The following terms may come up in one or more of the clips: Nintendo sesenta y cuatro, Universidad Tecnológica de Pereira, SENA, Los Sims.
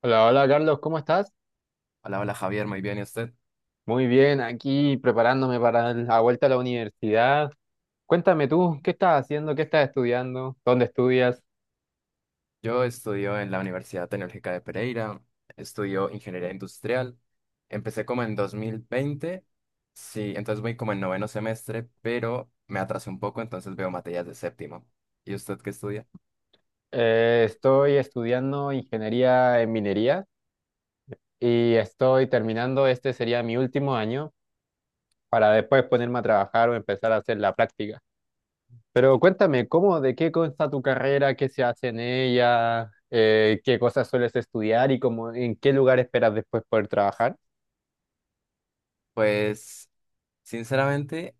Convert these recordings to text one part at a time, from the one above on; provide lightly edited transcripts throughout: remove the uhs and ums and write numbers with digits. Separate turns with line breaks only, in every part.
Hola, hola Carlos, ¿cómo estás?
Hola, hola Javier, muy bien, ¿y usted?
Muy bien, aquí preparándome para la vuelta a la universidad. Cuéntame tú, ¿qué estás haciendo? ¿Qué estás estudiando? ¿Dónde estudias?
Yo estudio en la Universidad Tecnológica de Pereira, estudio ingeniería industrial, empecé como en 2020, sí, entonces voy como en noveno semestre, pero me atrasé un poco, entonces veo materias de séptimo. ¿Y usted qué estudia?
Estoy estudiando ingeniería en minería y estoy terminando, este sería mi último año para después ponerme a trabajar o empezar a hacer la práctica. Pero cuéntame, ¿cómo, de qué consta tu carrera? ¿Qué se hace en ella? ¿Qué cosas sueles estudiar y cómo, en qué lugar esperas después poder trabajar?
Pues, sinceramente,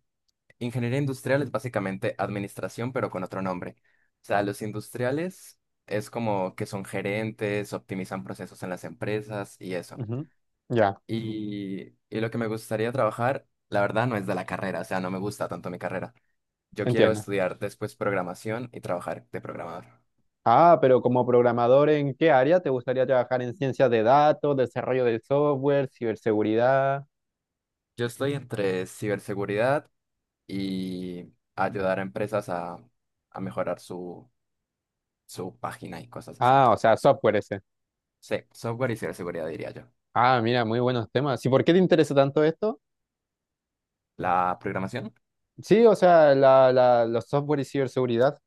ingeniería industrial es básicamente administración, pero con otro nombre. O sea, los industriales es como que son gerentes, optimizan procesos en las empresas y eso.
Ujú. Ya,
Y lo que me gustaría trabajar, la verdad, no es de la carrera, o sea, no me gusta tanto mi carrera. Yo quiero
entiendo.
estudiar después programación y trabajar de programador.
Ah, pero como programador, ¿en qué área te gustaría trabajar? ¿En ciencias de datos, desarrollo de software, ciberseguridad?
Yo estoy entre ciberseguridad y ayudar a empresas a mejorar su página y cosas así.
Ah, o sea, software ese.
Sí, software y ciberseguridad diría yo.
Ah, mira, muy buenos temas. ¿Y por qué te interesa tanto esto?
¿La programación?
Sí, o sea, los software y ciberseguridad.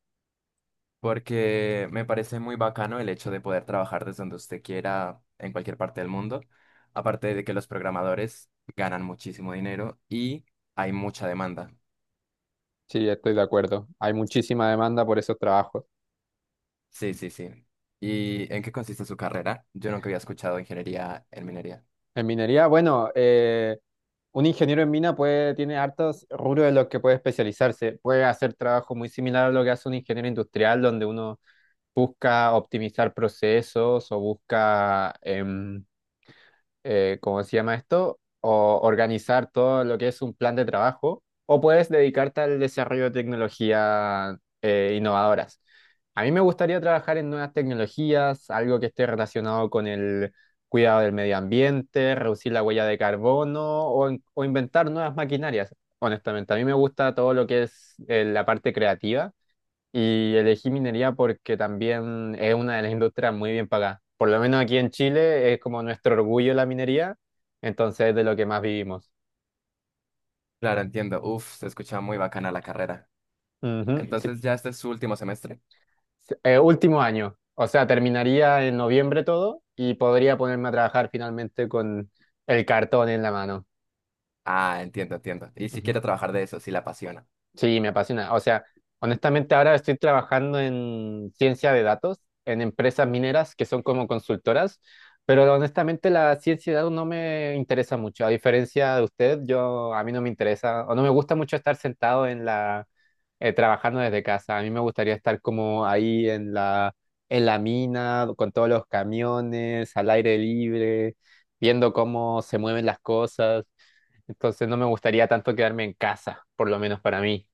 Porque me parece muy bacano el hecho de poder trabajar desde donde usted quiera en cualquier parte del mundo, aparte de que los programadores ganan muchísimo dinero y hay mucha demanda.
Sí, estoy de acuerdo. Hay muchísima demanda por esos trabajos.
Sí, sí, sí. ¿Y en qué consiste su carrera? Yo nunca había escuchado ingeniería en minería.
En minería, bueno, un ingeniero en mina puede, tiene hartos rubros en los que puede especializarse. Puede hacer trabajo muy similar a lo que hace un ingeniero industrial, donde uno busca optimizar procesos o busca ¿cómo se llama esto? O organizar todo lo que es un plan de trabajo, o puedes dedicarte al desarrollo de tecnologías innovadoras. A mí me gustaría trabajar en nuevas tecnologías, algo que esté relacionado con el cuidado del medio ambiente, reducir la huella de carbono o, o inventar nuevas maquinarias. Honestamente, a mí me gusta todo lo que es la parte creativa y elegí minería porque también es una de las industrias muy bien pagadas. Por lo menos aquí en Chile es como nuestro orgullo la minería, entonces es de lo que más vivimos.
Claro, entiendo. Uf, se escucha muy bacana la carrera.
Ujú, sí.
Entonces, ¿ya este es su último semestre?
Sí, último año, o sea, terminaría en noviembre todo y podría ponerme a trabajar finalmente con el cartón en la mano.
Ah, entiendo, entiendo. Y si quiere trabajar de eso, si la apasiona.
Sí, me apasiona. O sea, honestamente ahora estoy trabajando en ciencia de datos, en empresas mineras que son como consultoras, pero honestamente la ciencia de datos no me interesa mucho. A diferencia de usted, yo a mí no me interesa o no me gusta mucho estar sentado en la trabajando desde casa. A mí me gustaría estar como ahí en la mina con todos los camiones, al aire libre, viendo cómo se mueven las cosas. Entonces no me gustaría tanto quedarme en casa, por lo menos para mí.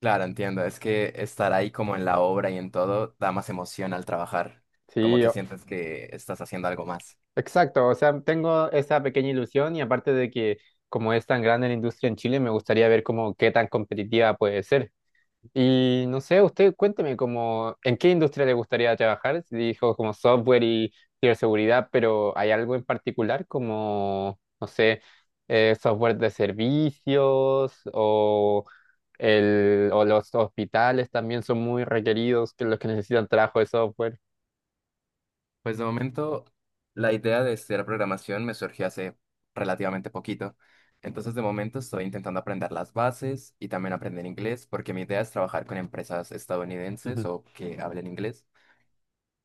Claro, entiendo. Es que estar ahí como en la obra y en todo da más emoción al trabajar, como
Sí,
que
o-
sientes que estás haciendo algo más.
exacto. O sea, tengo esa pequeña ilusión y aparte de que como es tan grande la industria en Chile, me gustaría ver como qué tan competitiva puede ser. Y no sé, usted cuénteme como en qué industria le gustaría trabajar. Si dijo como software y ciberseguridad, pero ¿hay algo en particular como, no sé, software de servicios o, o los hospitales también son muy requeridos que los que necesitan trabajo de software?
Pues de momento, la idea de estudiar programación me surgió hace relativamente poquito. Entonces, de momento estoy intentando aprender las bases y también aprender inglés, porque mi idea es trabajar con empresas estadounidenses o que hablen inglés.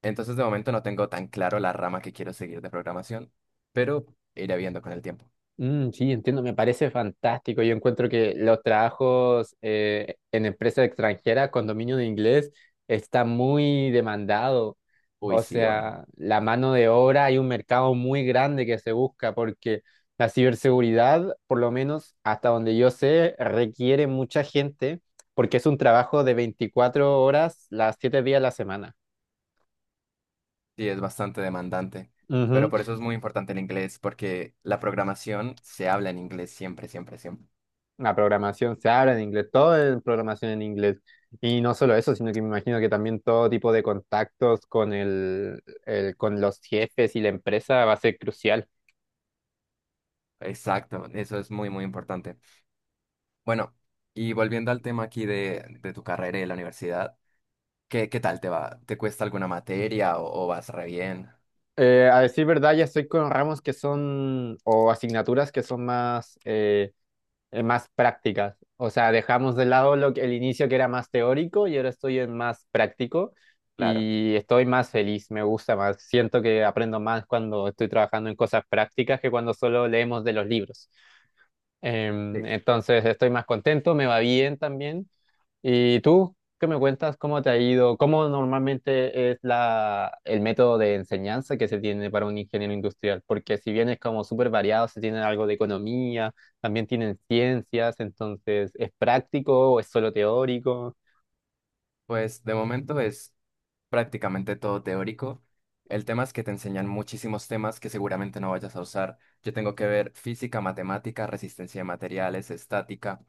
Entonces, de momento no tengo tan claro la rama que quiero seguir de programación, pero iré viendo con el tiempo.
Mm, sí, entiendo, me parece fantástico. Yo encuentro que los trabajos en empresas extranjeras con dominio de inglés está muy demandado.
Uy,
O
sí, va.
sea, la mano de obra hay un mercado muy grande que se busca porque la ciberseguridad, por lo menos hasta donde yo sé, requiere mucha gente porque es un trabajo de 24 horas, las 7 días a la semana.
Sí, es bastante demandante, pero por eso es muy importante el inglés, porque la programación se habla en inglés siempre, siempre, siempre.
La programación se habla en inglés, todo es programación en inglés. Y no solo eso, sino que me imagino que también todo tipo de contactos con con los jefes y la empresa va a ser crucial.
Exacto, eso es muy, muy importante. Bueno, y volviendo al tema aquí de tu carrera y de la universidad, ¿qué tal te va? ¿Te cuesta alguna materia o vas re bien?
A decir verdad, ya estoy con ramos que son, o asignaturas que son más, más prácticas. O sea, dejamos de lado lo que, el inicio que era más teórico y ahora estoy en más práctico
Claro,
y estoy más feliz, me gusta más. Siento que aprendo más cuando estoy trabajando en cosas prácticas que cuando solo leemos de los libros.
sí.
Entonces estoy más contento, me va bien también. ¿Y tú qué me cuentas? ¿Cómo te ha ido? ¿Cómo normalmente es el método de enseñanza que se tiene para un ingeniero industrial? Porque si bien es como súper variado, se tiene algo de economía, también tienen ciencias, entonces ¿es práctico o es solo teórico?
Pues de momento es prácticamente todo teórico. El tema es que te enseñan muchísimos temas que seguramente no vayas a usar. Yo tengo que ver física, matemática, resistencia de materiales, estática.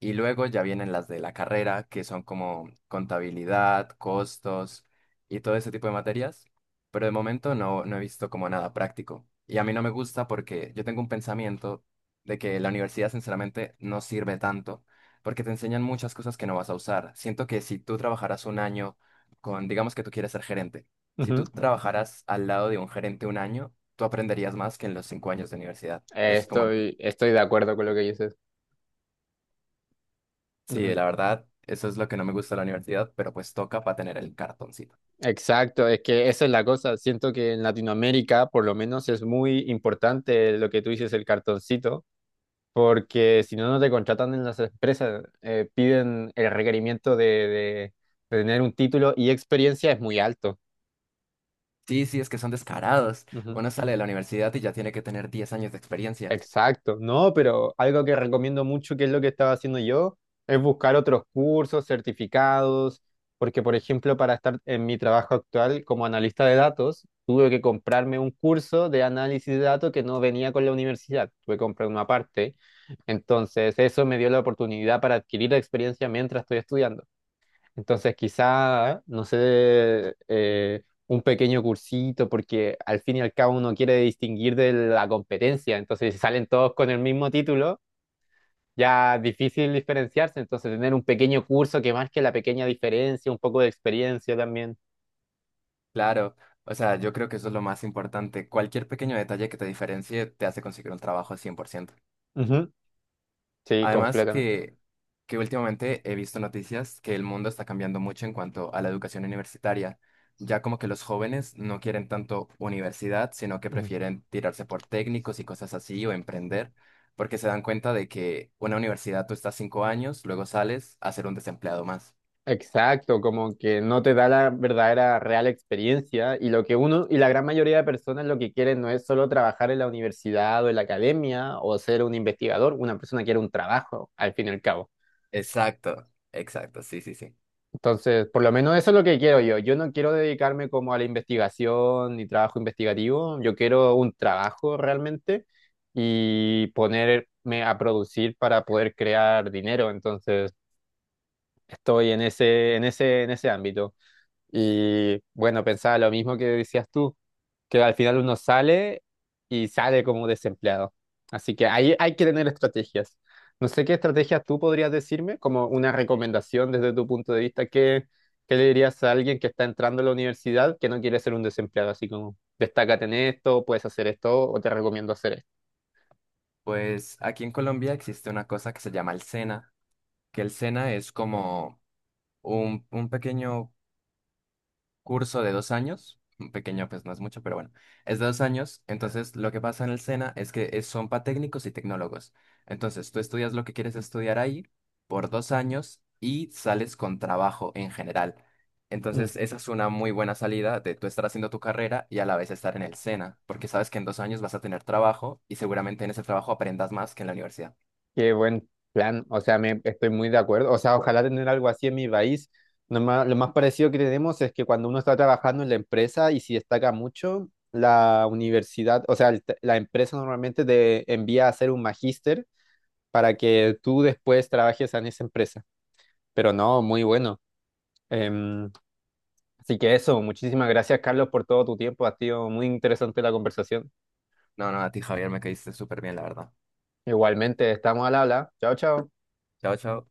Y luego ya vienen las de la carrera, que son como contabilidad, costos y todo ese tipo de materias. Pero de momento no, no he visto como nada práctico. Y a mí no me gusta porque yo tengo un pensamiento de que la universidad sinceramente no sirve tanto porque te enseñan muchas cosas que no vas a usar. Siento que si tú trabajaras un año con, digamos que tú quieres ser gerente, si
Ujú.
tú trabajaras al lado de un gerente un año, tú aprenderías más que en los 5 años de universidad. Es como,
Estoy de acuerdo con lo que dices.
sí,
Ujú.
la verdad, eso es lo que no me gusta de la universidad, pero pues toca para tener el cartoncito.
Exacto, es que esa es la cosa. Siento que en Latinoamérica, por lo menos, es muy importante lo que tú dices, el cartoncito. Porque si no, no te contratan en las empresas. Piden el requerimiento de tener un título y experiencia es muy alto.
Sí, sí, es que son descarados.
Ujú.
Uno sale de la universidad y ya tiene que tener 10 años de experiencia.
Exacto, no, pero algo que recomiendo mucho, que es lo que estaba haciendo yo, es buscar otros cursos, certificados, porque por ejemplo, para estar en mi trabajo actual como analista de datos, tuve que comprarme un curso de análisis de datos que no venía con la universidad, tuve que comprar una parte. Entonces, eso me dio la oportunidad para adquirir experiencia mientras estoy estudiando. Entonces, quizá, no sé, un pequeño cursito, porque al fin y al cabo uno quiere distinguir de la competencia. Entonces, si salen todos con el mismo título, ya es difícil diferenciarse. Entonces, tener un pequeño curso que marque la pequeña diferencia, un poco de experiencia también.
Claro, o sea, yo creo que eso es lo más importante. Cualquier pequeño detalle que te diferencie te hace conseguir un trabajo 100%.
Ujú. Sí,
Además
completamente.
que últimamente he visto noticias que el mundo está cambiando mucho en cuanto a la educación universitaria. Ya como que los jóvenes no quieren tanto universidad, sino que
Ujú.
prefieren tirarse por técnicos y cosas así o emprender, porque se dan cuenta de que una universidad tú estás 5 años, luego sales a ser un desempleado más.
Exacto, como que no te da la verdadera real experiencia y lo que uno y la gran mayoría de personas lo que quieren no es solo trabajar en la universidad o en la academia o ser un investigador, una persona quiere un trabajo al fin y al cabo.
Exacto, exacto, sí, sí, sí.
Entonces, por lo menos eso es lo que quiero yo. Yo no quiero dedicarme como a la investigación ni trabajo investigativo, yo quiero un trabajo realmente y ponerme a producir para poder crear dinero. Entonces, estoy en ese ámbito. Y bueno, pensaba lo mismo que decías tú, que al final uno sale y sale como desempleado. Así que ahí hay que tener estrategias. No sé qué estrategias tú podrías decirme, como una recomendación desde tu punto de vista, ¿qué le dirías a alguien que está entrando a la universidad que no quiere ser un desempleado? Así como, destácate en esto, puedes hacer esto o te recomiendo hacer esto.
Pues aquí en Colombia existe una cosa que se llama el SENA, que el SENA es como un pequeño curso de 2 años, pequeño pues no es mucho, pero bueno, es de 2 años, entonces lo que pasa en el SENA es que son para técnicos y tecnólogos. Entonces tú estudias lo que quieres estudiar ahí por 2 años y sales con trabajo en general. Entonces esa es una muy buena salida de tú estar haciendo tu carrera y a la vez estar en el SENA, porque sabes que en 2 años vas a tener trabajo y seguramente en ese trabajo aprendas más que en la universidad.
Qué buen plan, o sea, me estoy muy de acuerdo, o sea, ojalá tener algo así en mi país. Lo más parecido que tenemos es que cuando uno está trabajando en la empresa y si destaca mucho, la universidad, o sea, la empresa normalmente te envía a hacer un magíster para que tú después trabajes en esa empresa. Pero no, muy bueno. Em, Así que eso, muchísimas gracias, Carlos, por todo tu tiempo. Ha sido muy interesante la conversación.
No, no, a ti Javier me caíste súper bien, la verdad.
Igualmente, estamos al habla. Chao, chao.
Chao, chao.